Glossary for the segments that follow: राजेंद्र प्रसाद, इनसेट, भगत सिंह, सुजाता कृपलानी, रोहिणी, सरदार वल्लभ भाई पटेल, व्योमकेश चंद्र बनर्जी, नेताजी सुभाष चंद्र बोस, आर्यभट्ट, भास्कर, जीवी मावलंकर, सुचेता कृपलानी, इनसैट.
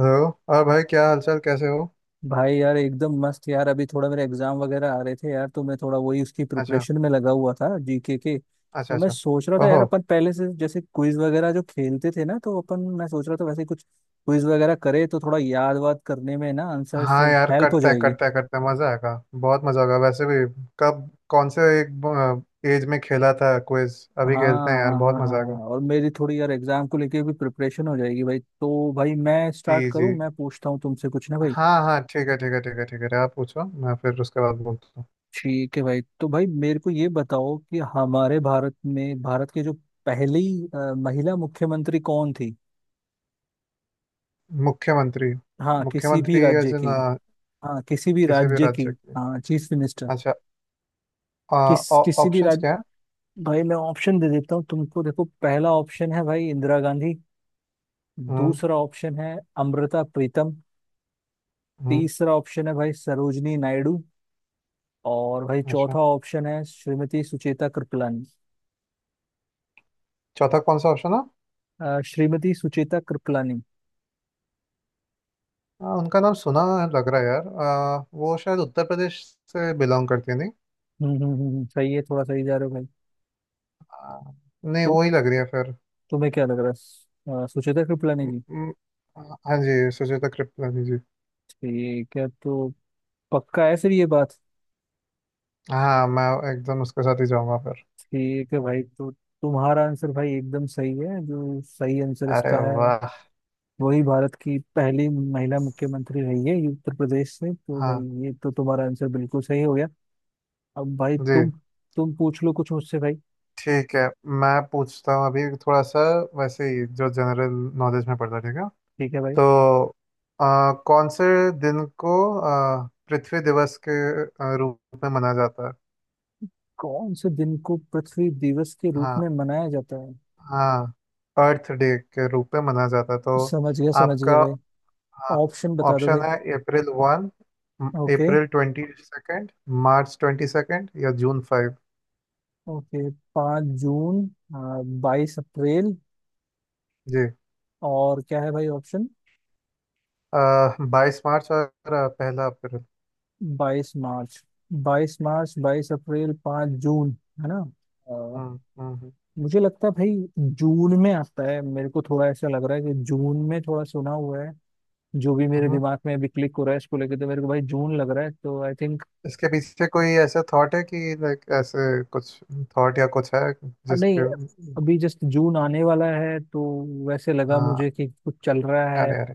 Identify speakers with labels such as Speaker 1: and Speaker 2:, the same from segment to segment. Speaker 1: Hello. और भाई क्या हालचाल कैसे हो?
Speaker 2: भाई यार एकदम मस्त यार। अभी थोड़ा मेरे एग्जाम वगैरह आ रहे थे यार, तो मैं थोड़ा वही उसकी
Speaker 1: अच्छा
Speaker 2: प्रिपरेशन में लगा हुआ था जीके के।
Speaker 1: अच्छा।
Speaker 2: तो मैं
Speaker 1: अच्छा।
Speaker 2: सोच रहा था यार,
Speaker 1: ओहो।
Speaker 2: अपन पहले से जैसे क्विज वगैरह जो खेलते थे ना, तो अपन मैं सोच रहा था वैसे कुछ क्विज वगैरह करे तो थोड़ा याद वाद करने में ना आंसर्स
Speaker 1: हाँ यार
Speaker 2: हेल्प हो
Speaker 1: करते हैं
Speaker 2: जाएगी।
Speaker 1: करते हैं करते हैं। मज़ा आएगा। बहुत मज़ा होगा वैसे भी। कब? कौन से एक एज में खेला था क्विज?
Speaker 2: हाँ
Speaker 1: अभी खेलते हैं यार
Speaker 2: हाँ
Speaker 1: बहुत
Speaker 2: हाँ
Speaker 1: मज़ा आएगा।
Speaker 2: हाँ। और मेरी थोड़ी यार एग्जाम को लेके भी प्रिपरेशन हो जाएगी भाई। तो भाई मैं स्टार्ट
Speaker 1: जी जी।
Speaker 2: करूँ, मैं पूछता हूँ तुमसे कुछ ना भाई।
Speaker 1: हाँ हाँ ठीक है ठीक है ठीक है ठीक है। आप पूछो मैं फिर उसके बाद बोलता हूँ।
Speaker 2: ठीक है भाई। तो भाई मेरे को ये बताओ कि हमारे भारत में भारत की जो पहली महिला मुख्यमंत्री कौन थी।
Speaker 1: मुख्यमंत्री।
Speaker 2: हाँ किसी भी
Speaker 1: मुख्यमंत्री एज
Speaker 2: राज्य
Speaker 1: इन?
Speaker 2: की। हाँ किसी भी
Speaker 1: किसी भी
Speaker 2: राज्य की।
Speaker 1: राज्य के?
Speaker 2: हाँ चीफ मिनिस्टर।
Speaker 1: अच्छा।
Speaker 2: किस किसी भी
Speaker 1: ऑप्शंस
Speaker 2: राज्य।
Speaker 1: क्या है?
Speaker 2: भाई मैं ऑप्शन दे देता हूँ तुमको। देखो पहला ऑप्शन है भाई इंदिरा गांधी।
Speaker 1: हम्म।
Speaker 2: दूसरा ऑप्शन है अमृता प्रीतम।
Speaker 1: हम्म।
Speaker 2: तीसरा ऑप्शन है भाई सरोजनी नायडू। और भाई
Speaker 1: अच्छा।
Speaker 2: चौथा ऑप्शन है श्रीमती सुचेता कृपलानी।
Speaker 1: चौथा कौन सा ऑप्शन है?
Speaker 2: श्रीमती सुचेता कृपलानी।
Speaker 1: हाँ उनका नाम सुना। लग रहा है यार, वो शायद उत्तर प्रदेश से बिलोंग करती है, नहीं?
Speaker 2: सही है, थोड़ा सही जा रहे हो भाई।
Speaker 1: आ, नहीं,
Speaker 2: तो
Speaker 1: वो ही लग रही है फिर।
Speaker 2: तुम्हें क्या लग रहा है, सुचेता कृपलानी
Speaker 1: म-
Speaker 2: जी?
Speaker 1: म- हाँ जी, सुजाता कृपलानी जी।
Speaker 2: ठीक है तो पक्का है फिर ये बात?
Speaker 1: हाँ मैं एकदम उसके साथ ही जाऊंगा फिर।
Speaker 2: ठीक है भाई। तो तुम्हारा आंसर भाई एकदम सही है। जो सही आंसर
Speaker 1: अरे
Speaker 2: इसका है
Speaker 1: वाह।
Speaker 2: वही भारत की पहली महिला मुख्यमंत्री रही है, ये उत्तर प्रदेश से। तो भाई
Speaker 1: हाँ।
Speaker 2: ये तो तुम्हारा आंसर बिल्कुल सही हो गया। अब भाई
Speaker 1: जी।
Speaker 2: तुम पूछ लो कुछ मुझसे भाई।
Speaker 1: ठीक है मैं पूछता हूँ अभी थोड़ा सा वैसे ही जो जनरल नॉलेज में पड़ता है ठीक है।
Speaker 2: ठीक है भाई।
Speaker 1: तो कौन से दिन को पृथ्वी दिवस के रूप में मनाया जाता है?
Speaker 2: कौन से दिन को पृथ्वी दिवस के रूप
Speaker 1: हाँ
Speaker 2: में मनाया जाता है?
Speaker 1: हाँ, अर्थ डे के रूप में मनाया जाता है। तो
Speaker 2: समझ गया
Speaker 1: आपका
Speaker 2: भाई। ऑप्शन बता दो भाई।
Speaker 1: ऑप्शन है 1
Speaker 2: ओके।
Speaker 1: 22 अप्रैल, 22 मार्च या 5 जून।
Speaker 2: ओके, 5 जून, 22 अप्रैल।
Speaker 1: जी।
Speaker 2: और क्या है भाई ऑप्शन?
Speaker 1: 22 मार्च और पहला अप्रैल।
Speaker 2: 22 मार्च। बाईस मार्च, 22 अप्रैल, 5 जून, है ना? अ,
Speaker 1: हम्म हम्म हम्म।
Speaker 2: मुझे लगता है भाई जून में आता है। मेरे को थोड़ा ऐसा लग रहा है कि जून में थोड़ा सुना हुआ है। जो भी मेरे
Speaker 1: हम्म।
Speaker 2: दिमाग में अभी क्लिक हो रहा है इसको लेके, तो मेरे को भाई जून लग रहा है, तो आई थिंक
Speaker 1: इसके पीछे कोई ऐसा थॉट है कि लाइक ऐसे कुछ थॉट या कुछ है जिसके?
Speaker 2: नहीं। अभी जस्ट जून आने वाला है तो वैसे लगा मुझे
Speaker 1: हाँ।
Speaker 2: कि कुछ चल रहा है।
Speaker 1: अरे अरे।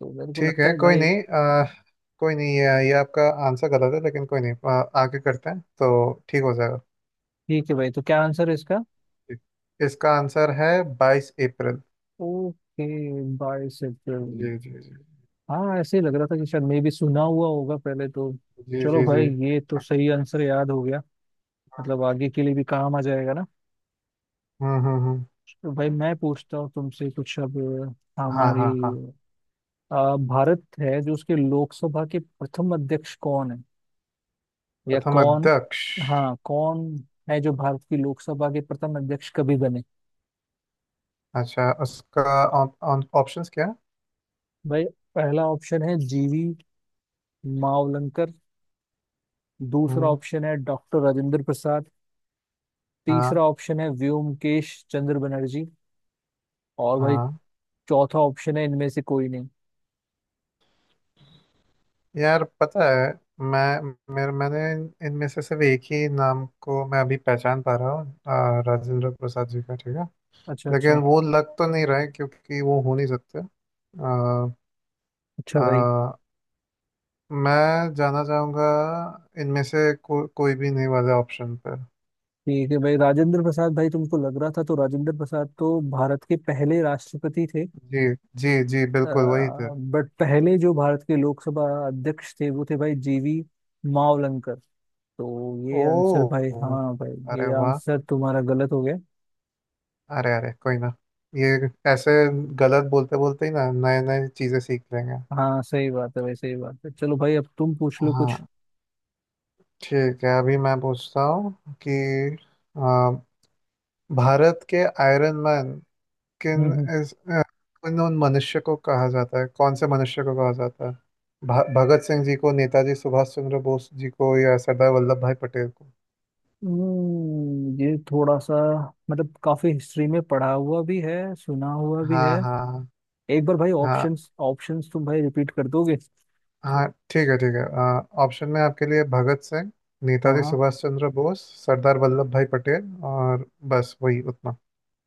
Speaker 2: तो मेरे को
Speaker 1: ठीक
Speaker 2: लगता
Speaker 1: है
Speaker 2: है
Speaker 1: कोई
Speaker 2: भाई।
Speaker 1: नहीं। कोई नहीं, ये आपका आंसर गलत है, लेकिन कोई नहीं, आगे करते हैं तो ठीक हो जाएगा।
Speaker 2: ठीक है भाई। तो क्या आंसर है इसका?
Speaker 1: इसका आंसर है 22 अप्रैल।
Speaker 2: ओके, बाईस
Speaker 1: जी
Speaker 2: अप्रैल
Speaker 1: जी जी।
Speaker 2: हाँ ऐसे ही लग रहा था कि शायद मैं भी सुना हुआ होगा पहले तो।
Speaker 1: जी
Speaker 2: चलो
Speaker 1: जी जी।
Speaker 2: भाई ये तो सही आंसर याद हो गया। मतलब आगे के लिए भी काम आ जाएगा ना।
Speaker 1: हम्म।
Speaker 2: तो भाई मैं पूछता हूँ तुमसे कुछ अब।
Speaker 1: हाँ
Speaker 2: हमारी
Speaker 1: हाँ हाँ।
Speaker 2: भारत है जो उसके लोकसभा के प्रथम अध्यक्ष कौन है, या
Speaker 1: प्रथम
Speaker 2: कौन।
Speaker 1: अध्यक्ष?
Speaker 2: हाँ कौन है जो भारत की लोकसभा के प्रथम अध्यक्ष कभी बने?
Speaker 1: अच्छा, उसका ऑप्शंस क्या है?
Speaker 2: भाई पहला ऑप्शन है जीवी मावलंकर। दूसरा
Speaker 1: हम्म।
Speaker 2: ऑप्शन है डॉक्टर राजेंद्र प्रसाद।
Speaker 1: हाँ
Speaker 2: तीसरा ऑप्शन है व्योमकेश चंद्र बनर्जी। और भाई
Speaker 1: हाँ।
Speaker 2: चौथा ऑप्शन है इनमें से कोई नहीं।
Speaker 1: यार पता है, मैं मैंने इनमें से सिर्फ एक ही नाम को मैं अभी पहचान पा रहा हूँ, राजेंद्र प्रसाद जी का, ठीक है।
Speaker 2: अच्छा
Speaker 1: लेकिन
Speaker 2: अच्छा।
Speaker 1: वो लग तो नहीं रहे क्योंकि वो हो नहीं सकते। आ,
Speaker 2: अच्छा भाई।
Speaker 1: आ, मैं जाना चाहूँगा इनमें से कोई भी नहीं वाले ऑप्शन पर।
Speaker 2: ठीक है भाई। राजेंद्र प्रसाद भाई तुमको लग रहा था, तो राजेंद्र प्रसाद तो भारत के पहले राष्ट्रपति थे।
Speaker 1: जी। जी जी बिल्कुल वही थे।
Speaker 2: बट पहले जो भारत के लोकसभा अध्यक्ष थे वो थे भाई जीवी मावलंकर। तो
Speaker 1: ओ।
Speaker 2: ये आंसर भाई, हाँ भाई
Speaker 1: अरे
Speaker 2: ये
Speaker 1: वाह।
Speaker 2: आंसर तुम्हारा गलत हो गया।
Speaker 1: अरे अरे कोई ना। ये ऐसे गलत बोलते बोलते ही ना नए नए चीज़ें सीख लेंगे।
Speaker 2: हाँ सही बात है भाई सही बात है। चलो भाई अब तुम पूछ लो कुछ।
Speaker 1: हाँ ठीक है, अभी मैं पूछता हूँ कि आ, भारत के आयरन मैन किन
Speaker 2: हम्म
Speaker 1: इस उन उन मनुष्य को कहा जाता है, कौन से मनुष्य को कहा जाता है? भगत सिंह जी को, नेताजी सुभाष चंद्र बोस जी को या सरदार वल्लभ भाई पटेल को?
Speaker 2: ये थोड़ा सा मतलब काफी हिस्ट्री में पढ़ा हुआ भी है, सुना हुआ भी
Speaker 1: हाँ
Speaker 2: है।
Speaker 1: हाँ।
Speaker 2: एक बार भाई
Speaker 1: हाँ
Speaker 2: ऑप्शंस ऑप्शंस तुम भाई रिपीट कर दोगे?
Speaker 1: हाँ ठीक है ठीक है, ऑप्शन में आपके लिए भगत सिंह,
Speaker 2: हाँ
Speaker 1: नेताजी
Speaker 2: हाँ।
Speaker 1: सुभाष चंद्र बोस, सरदार वल्लभ भाई पटेल और बस वही उतना।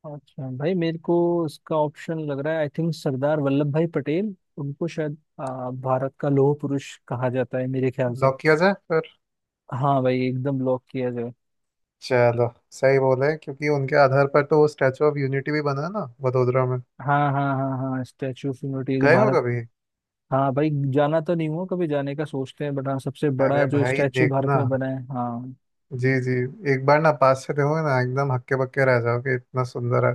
Speaker 2: अच्छा भाई मेरे को इसका ऑप्शन लग रहा है आई थिंक सरदार वल्लभ भाई पटेल, उनको शायद भारत का लौह पुरुष कहा जाता है मेरे ख्याल से।
Speaker 1: लॉक किया जाए फिर।
Speaker 2: हाँ भाई एकदम लॉक किया जाए।
Speaker 1: चलो सही बोले, क्योंकि उनके आधार पर तो वो स्टैचू ऑफ यूनिटी भी बना है ना, वडोदरा में।
Speaker 2: हाँ हाँ हाँ हाँ स्टैचू ऑफ यूनिटी जो
Speaker 1: गए हो
Speaker 2: भारत।
Speaker 1: कभी?
Speaker 2: हाँ भाई। जाना तो नहीं हुआ कभी, जाने का सोचते हैं बट हाँ सबसे बड़ा
Speaker 1: अरे
Speaker 2: जो
Speaker 1: भाई
Speaker 2: स्टैचू भारत
Speaker 1: देखना।
Speaker 2: में बना है हाँ।
Speaker 1: जी जी। एक बार ना पास से देखोगे ना, एकदम हक्के बक्के रह जाओगे, इतना सुंदर है।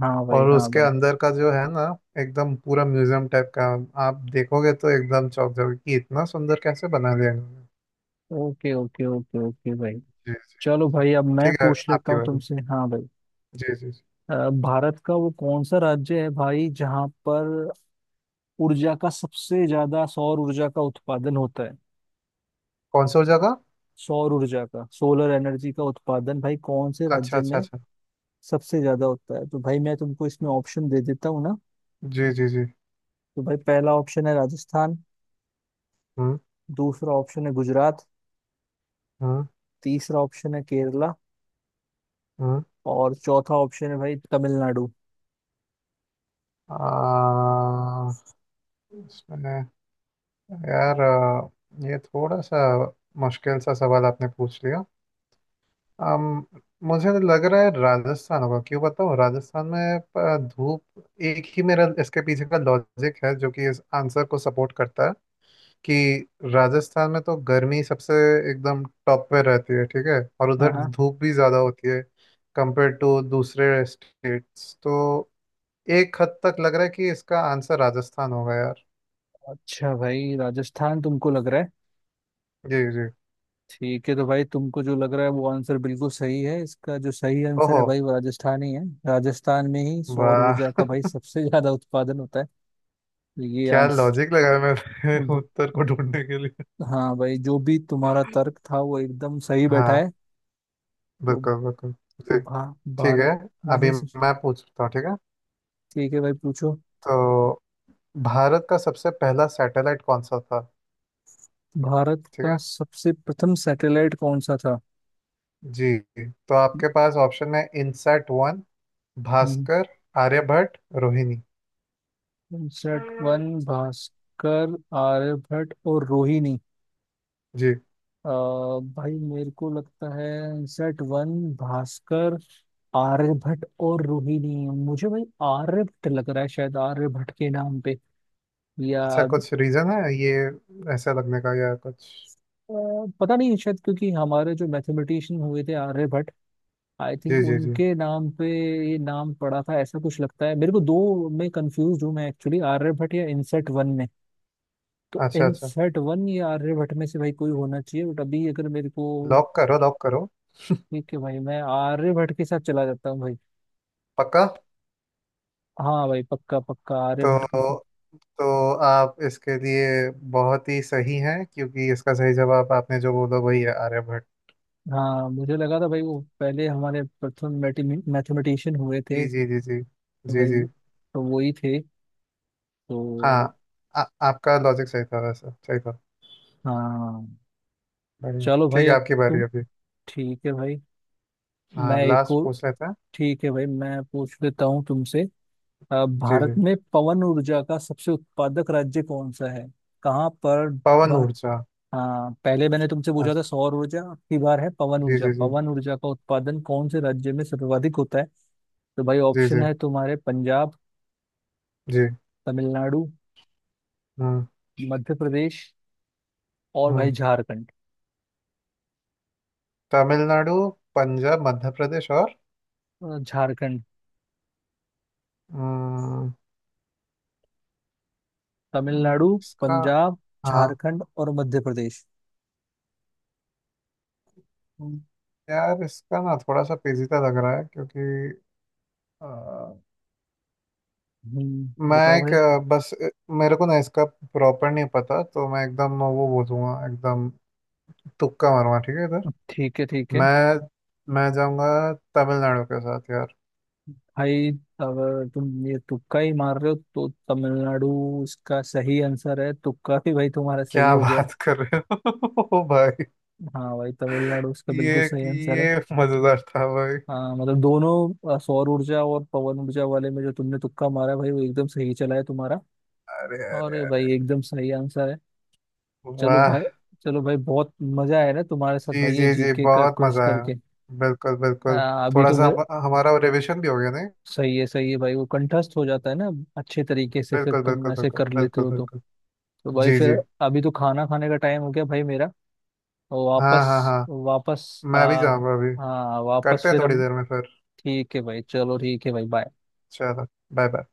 Speaker 2: हाँ भाई
Speaker 1: और
Speaker 2: हाँ
Speaker 1: उसके
Speaker 2: भाई।
Speaker 1: अंदर का जो है ना, एकदम पूरा म्यूजियम टाइप का, आप देखोगे तो एकदम चौंक जाओगे कि इतना सुंदर कैसे बना दिया इन्होंने।
Speaker 2: ओके ओके ओके ओके भाई।
Speaker 1: जी जी।
Speaker 2: चलो
Speaker 1: जी
Speaker 2: भाई अब मैं
Speaker 1: ठीक है
Speaker 2: पूछ लेता
Speaker 1: आपकी
Speaker 2: हूँ
Speaker 1: बारी।
Speaker 2: तुमसे हाँ भाई।
Speaker 1: जी जी जी।
Speaker 2: भारत का वो कौन सा राज्य है भाई जहाँ पर ऊर्जा का सबसे ज्यादा सौर ऊर्जा का उत्पादन होता है?
Speaker 1: कौन सा जगह?
Speaker 2: सौर ऊर्जा का, सोलर एनर्जी का उत्पादन भाई कौन से
Speaker 1: अच्छा
Speaker 2: राज्य
Speaker 1: अच्छा
Speaker 2: में
Speaker 1: अच्छा।
Speaker 2: सबसे ज्यादा होता है? तो भाई मैं तुमको इसमें ऑप्शन दे देता हूँ ना।
Speaker 1: जी जी जी।
Speaker 2: तो भाई पहला ऑप्शन है राजस्थान।
Speaker 1: हम्म
Speaker 2: दूसरा ऑप्शन है गुजरात।
Speaker 1: हम्म
Speaker 2: तीसरा ऑप्शन है केरला।
Speaker 1: हम्म।
Speaker 2: और चौथा ऑप्शन है भाई तमिलनाडु।
Speaker 1: आ, इसमें, यार ये थोड़ा सा मुश्किल सा सवाल आपने पूछ लिया। अम, मुझे लग रहा है राजस्थान होगा। क्यों बताऊँ? राजस्थान में धूप, एक ही मेरा इसके पीछे का लॉजिक है जो कि इस आंसर को सपोर्ट करता है कि राजस्थान में तो गर्मी सबसे एकदम टॉप पे रहती है, ठीक है, और
Speaker 2: हाँ
Speaker 1: उधर
Speaker 2: हाँ।
Speaker 1: धूप भी ज़्यादा होती है कंपेयर टू दूसरे स्टेट्स, तो एक हद तक लग रहा है कि इसका आंसर राजस्थान होगा यार।
Speaker 2: अच्छा भाई राजस्थान तुमको लग रहा है?
Speaker 1: जी जी।
Speaker 2: ठीक है। तो भाई तुमको जो लग रहा है वो आंसर बिल्कुल सही है इसका। जो सही आंसर है
Speaker 1: ओहो।
Speaker 2: भाई वो राजस्थान ही है। राजस्थान में ही सौर
Speaker 1: वाह,
Speaker 2: ऊर्जा का भाई सबसे ज्यादा उत्पादन होता है। तो ये
Speaker 1: क्या
Speaker 2: आंसर,
Speaker 1: लॉजिक लगाया मैं उत्तर को ढूंढने के लिए।
Speaker 2: हाँ भाई जो भी तुम्हारा तर्क था वो एकदम सही बैठा
Speaker 1: हाँ।
Speaker 2: है। तो
Speaker 1: बिल्कुल बिल्कुल। ठीक है,
Speaker 2: भारत में
Speaker 1: अभी
Speaker 2: ही
Speaker 1: मैं पूछता हूँ, ठीक है।
Speaker 2: ठीक है भाई पूछो।
Speaker 1: तो भारत का सबसे पहला सैटेलाइट कौन सा था?
Speaker 2: भारत
Speaker 1: ठीक
Speaker 2: का
Speaker 1: है।
Speaker 2: सबसे प्रथम सैटेलाइट कौन सा था?
Speaker 1: जी, तो आपके पास ऑप्शन है इनसैट 1,
Speaker 2: हम्म,
Speaker 1: भास्कर, आर्यभट्ट, रोहिणी।
Speaker 2: इनसेट वन, भास्कर, आर्यभट्ट और रोहिणी।
Speaker 1: जी।
Speaker 2: अ, भाई मेरे को लगता है सेट वन, भास्कर, आर्यभट्ट और रोहिणी। मुझे भाई आर्यभट्ट लग रहा है, शायद आर्यभट्ट के नाम पे या
Speaker 1: अच्छा, कुछ रीजन है ये ऐसा लगने का या कुछ?
Speaker 2: अ, पता नहीं, शायद क्योंकि हमारे जो मैथमेटिशियन हुए थे आर्यभट्ट, आई थिंक
Speaker 1: जी जी जी।
Speaker 2: उनके नाम पे ये नाम पड़ा था, ऐसा कुछ लगता है मेरे को। दो में कंफ्यूज हूँ मैं एक्चुअली आर्यभट्ट या इनसेट वन में। तो
Speaker 1: अच्छा अच्छा।
Speaker 2: इनसेट वन या आर्यभट्ट में से भाई कोई होना चाहिए, बट अभी अगर मेरे को।
Speaker 1: लॉक करो लॉक करो।
Speaker 2: ठीक है भाई मैं आर्यभट्ट के साथ चला जाता हूँ भाई।
Speaker 1: पक्का?
Speaker 2: हाँ भाई पक्का पक्का आर्य भट्ट के साथ।
Speaker 1: तो तो आप इसके लिए बहुत ही सही हैं, क्योंकि इसका सही जवाब आपने जो बोला वही है, आर्यभट्ट।
Speaker 2: हाँ मुझे लगा था भाई वो पहले हमारे प्रथम मैथमेटिशियन हुए थे।
Speaker 1: जी जी जी जी।
Speaker 2: तो
Speaker 1: जी
Speaker 2: भाई
Speaker 1: जी।
Speaker 2: तो वो ही थे। तो
Speaker 1: हाँ, आ, आपका लॉजिक सही था, वैसे सही था।
Speaker 2: हाँ।
Speaker 1: बढ़िया,
Speaker 2: चलो
Speaker 1: ठीक
Speaker 2: भाई
Speaker 1: है,
Speaker 2: अब
Speaker 1: आपकी बारी
Speaker 2: तुम।
Speaker 1: अभी।
Speaker 2: ठीक है भाई मैं
Speaker 1: हाँ
Speaker 2: एक
Speaker 1: लास्ट
Speaker 2: और।
Speaker 1: पूछ लेते हैं।
Speaker 2: ठीक है भाई मैं पूछ लेता हूँ तुमसे।
Speaker 1: जी
Speaker 2: भारत
Speaker 1: जी।
Speaker 2: में पवन ऊर्जा का सबसे उत्पादक राज्य कौन सा है? कहाँ पर?
Speaker 1: पवन
Speaker 2: भा-
Speaker 1: ऊर्जा?
Speaker 2: हाँ पहले मैंने तुमसे पूछा था
Speaker 1: अच्छा।
Speaker 2: सौर ऊर्जा, अब की बार है पवन
Speaker 1: जी
Speaker 2: ऊर्जा।
Speaker 1: जी। जी
Speaker 2: पवन ऊर्जा का उत्पादन कौन से राज्य में सर्वाधिक होता है? तो भाई
Speaker 1: जी
Speaker 2: ऑप्शन
Speaker 1: जी
Speaker 2: है तुम्हारे पंजाब,
Speaker 1: जी।
Speaker 2: तमिलनाडु,
Speaker 1: हम्म
Speaker 2: मध्य प्रदेश और भाई
Speaker 1: हम्म।
Speaker 2: झारखंड।
Speaker 1: तमिलनाडु, पंजाब, मध्य प्रदेश और?
Speaker 2: झारखंड,
Speaker 1: हम्म।
Speaker 2: तमिलनाडु,
Speaker 1: इसका...
Speaker 2: पंजाब,
Speaker 1: हाँ।
Speaker 2: झारखंड और मध्य प्रदेश।
Speaker 1: हम्म, यार इसका ना थोड़ा सा पेचीदा लग रहा है, क्योंकि अ, मैं
Speaker 2: बताओ
Speaker 1: एक
Speaker 2: भाई।
Speaker 1: मेरे को ना इसका प्रॉपर नहीं पता, तो मैं एकदम वो बोलूँगा, एकदम तुक्का मारूंगा, ठीक है।
Speaker 2: ठीक है
Speaker 1: मैं मैं जाऊंगा तमिलनाडु के साथ यार।
Speaker 2: भाई। अगर तुम ये तुक्का ही मार रहे हो तो तमिलनाडु इसका सही आंसर है, तुक्का भी भाई तुम्हारा सही
Speaker 1: क्या
Speaker 2: हो गया।
Speaker 1: बात कर रहे हो ओ भाई।
Speaker 2: हाँ भाई तमिलनाडु इसका
Speaker 1: ये
Speaker 2: बिल्कुल सही आंसर है।
Speaker 1: ये मजेदार था भाई।
Speaker 2: हाँ मतलब दोनों सौर ऊर्जा और पवन ऊर्जा वाले में जो तुमने तुक्का मारा है भाई वो एकदम सही चला है तुम्हारा।
Speaker 1: अरे अरे
Speaker 2: और ये
Speaker 1: अरे।
Speaker 2: भाई एकदम सही आंसर है। चलो
Speaker 1: वाह।
Speaker 2: भाई। चलो भाई बहुत मजा आया ना तुम्हारे साथ
Speaker 1: जी
Speaker 2: भाई ये
Speaker 1: जी जी
Speaker 2: जीके का
Speaker 1: बहुत
Speaker 2: क्विज
Speaker 1: मजा आया।
Speaker 2: करके।
Speaker 1: बिल्कुल बिल्कुल।
Speaker 2: अभी
Speaker 1: थोड़ा
Speaker 2: तो
Speaker 1: सा
Speaker 2: मैं।
Speaker 1: हमारा रिविजन भी हो गया, नहीं?
Speaker 2: सही है भाई वो कंठस्थ हो जाता है ना अच्छे तरीके से फिर
Speaker 1: बिल्कुल
Speaker 2: तुम
Speaker 1: बिल्कुल
Speaker 2: ऐसे
Speaker 1: बिल्कुल
Speaker 2: कर लेते
Speaker 1: बिल्कुल
Speaker 2: हो तो।
Speaker 1: बिल्कुल।
Speaker 2: तो भाई
Speaker 1: जी
Speaker 2: फिर
Speaker 1: जी।
Speaker 2: अभी तो खाना खाने का टाइम हो गया भाई मेरा। तो
Speaker 1: हाँ
Speaker 2: वापस
Speaker 1: हाँ हाँ।
Speaker 2: वापस
Speaker 1: मैं भी जाऊंगा अभी।
Speaker 2: हाँ वापस
Speaker 1: करते हैं
Speaker 2: फिर
Speaker 1: थोड़ी
Speaker 2: हम।
Speaker 1: देर में फिर।
Speaker 2: ठीक है भाई चलो। ठीक है भाई बाय।
Speaker 1: चलो। Bye bye.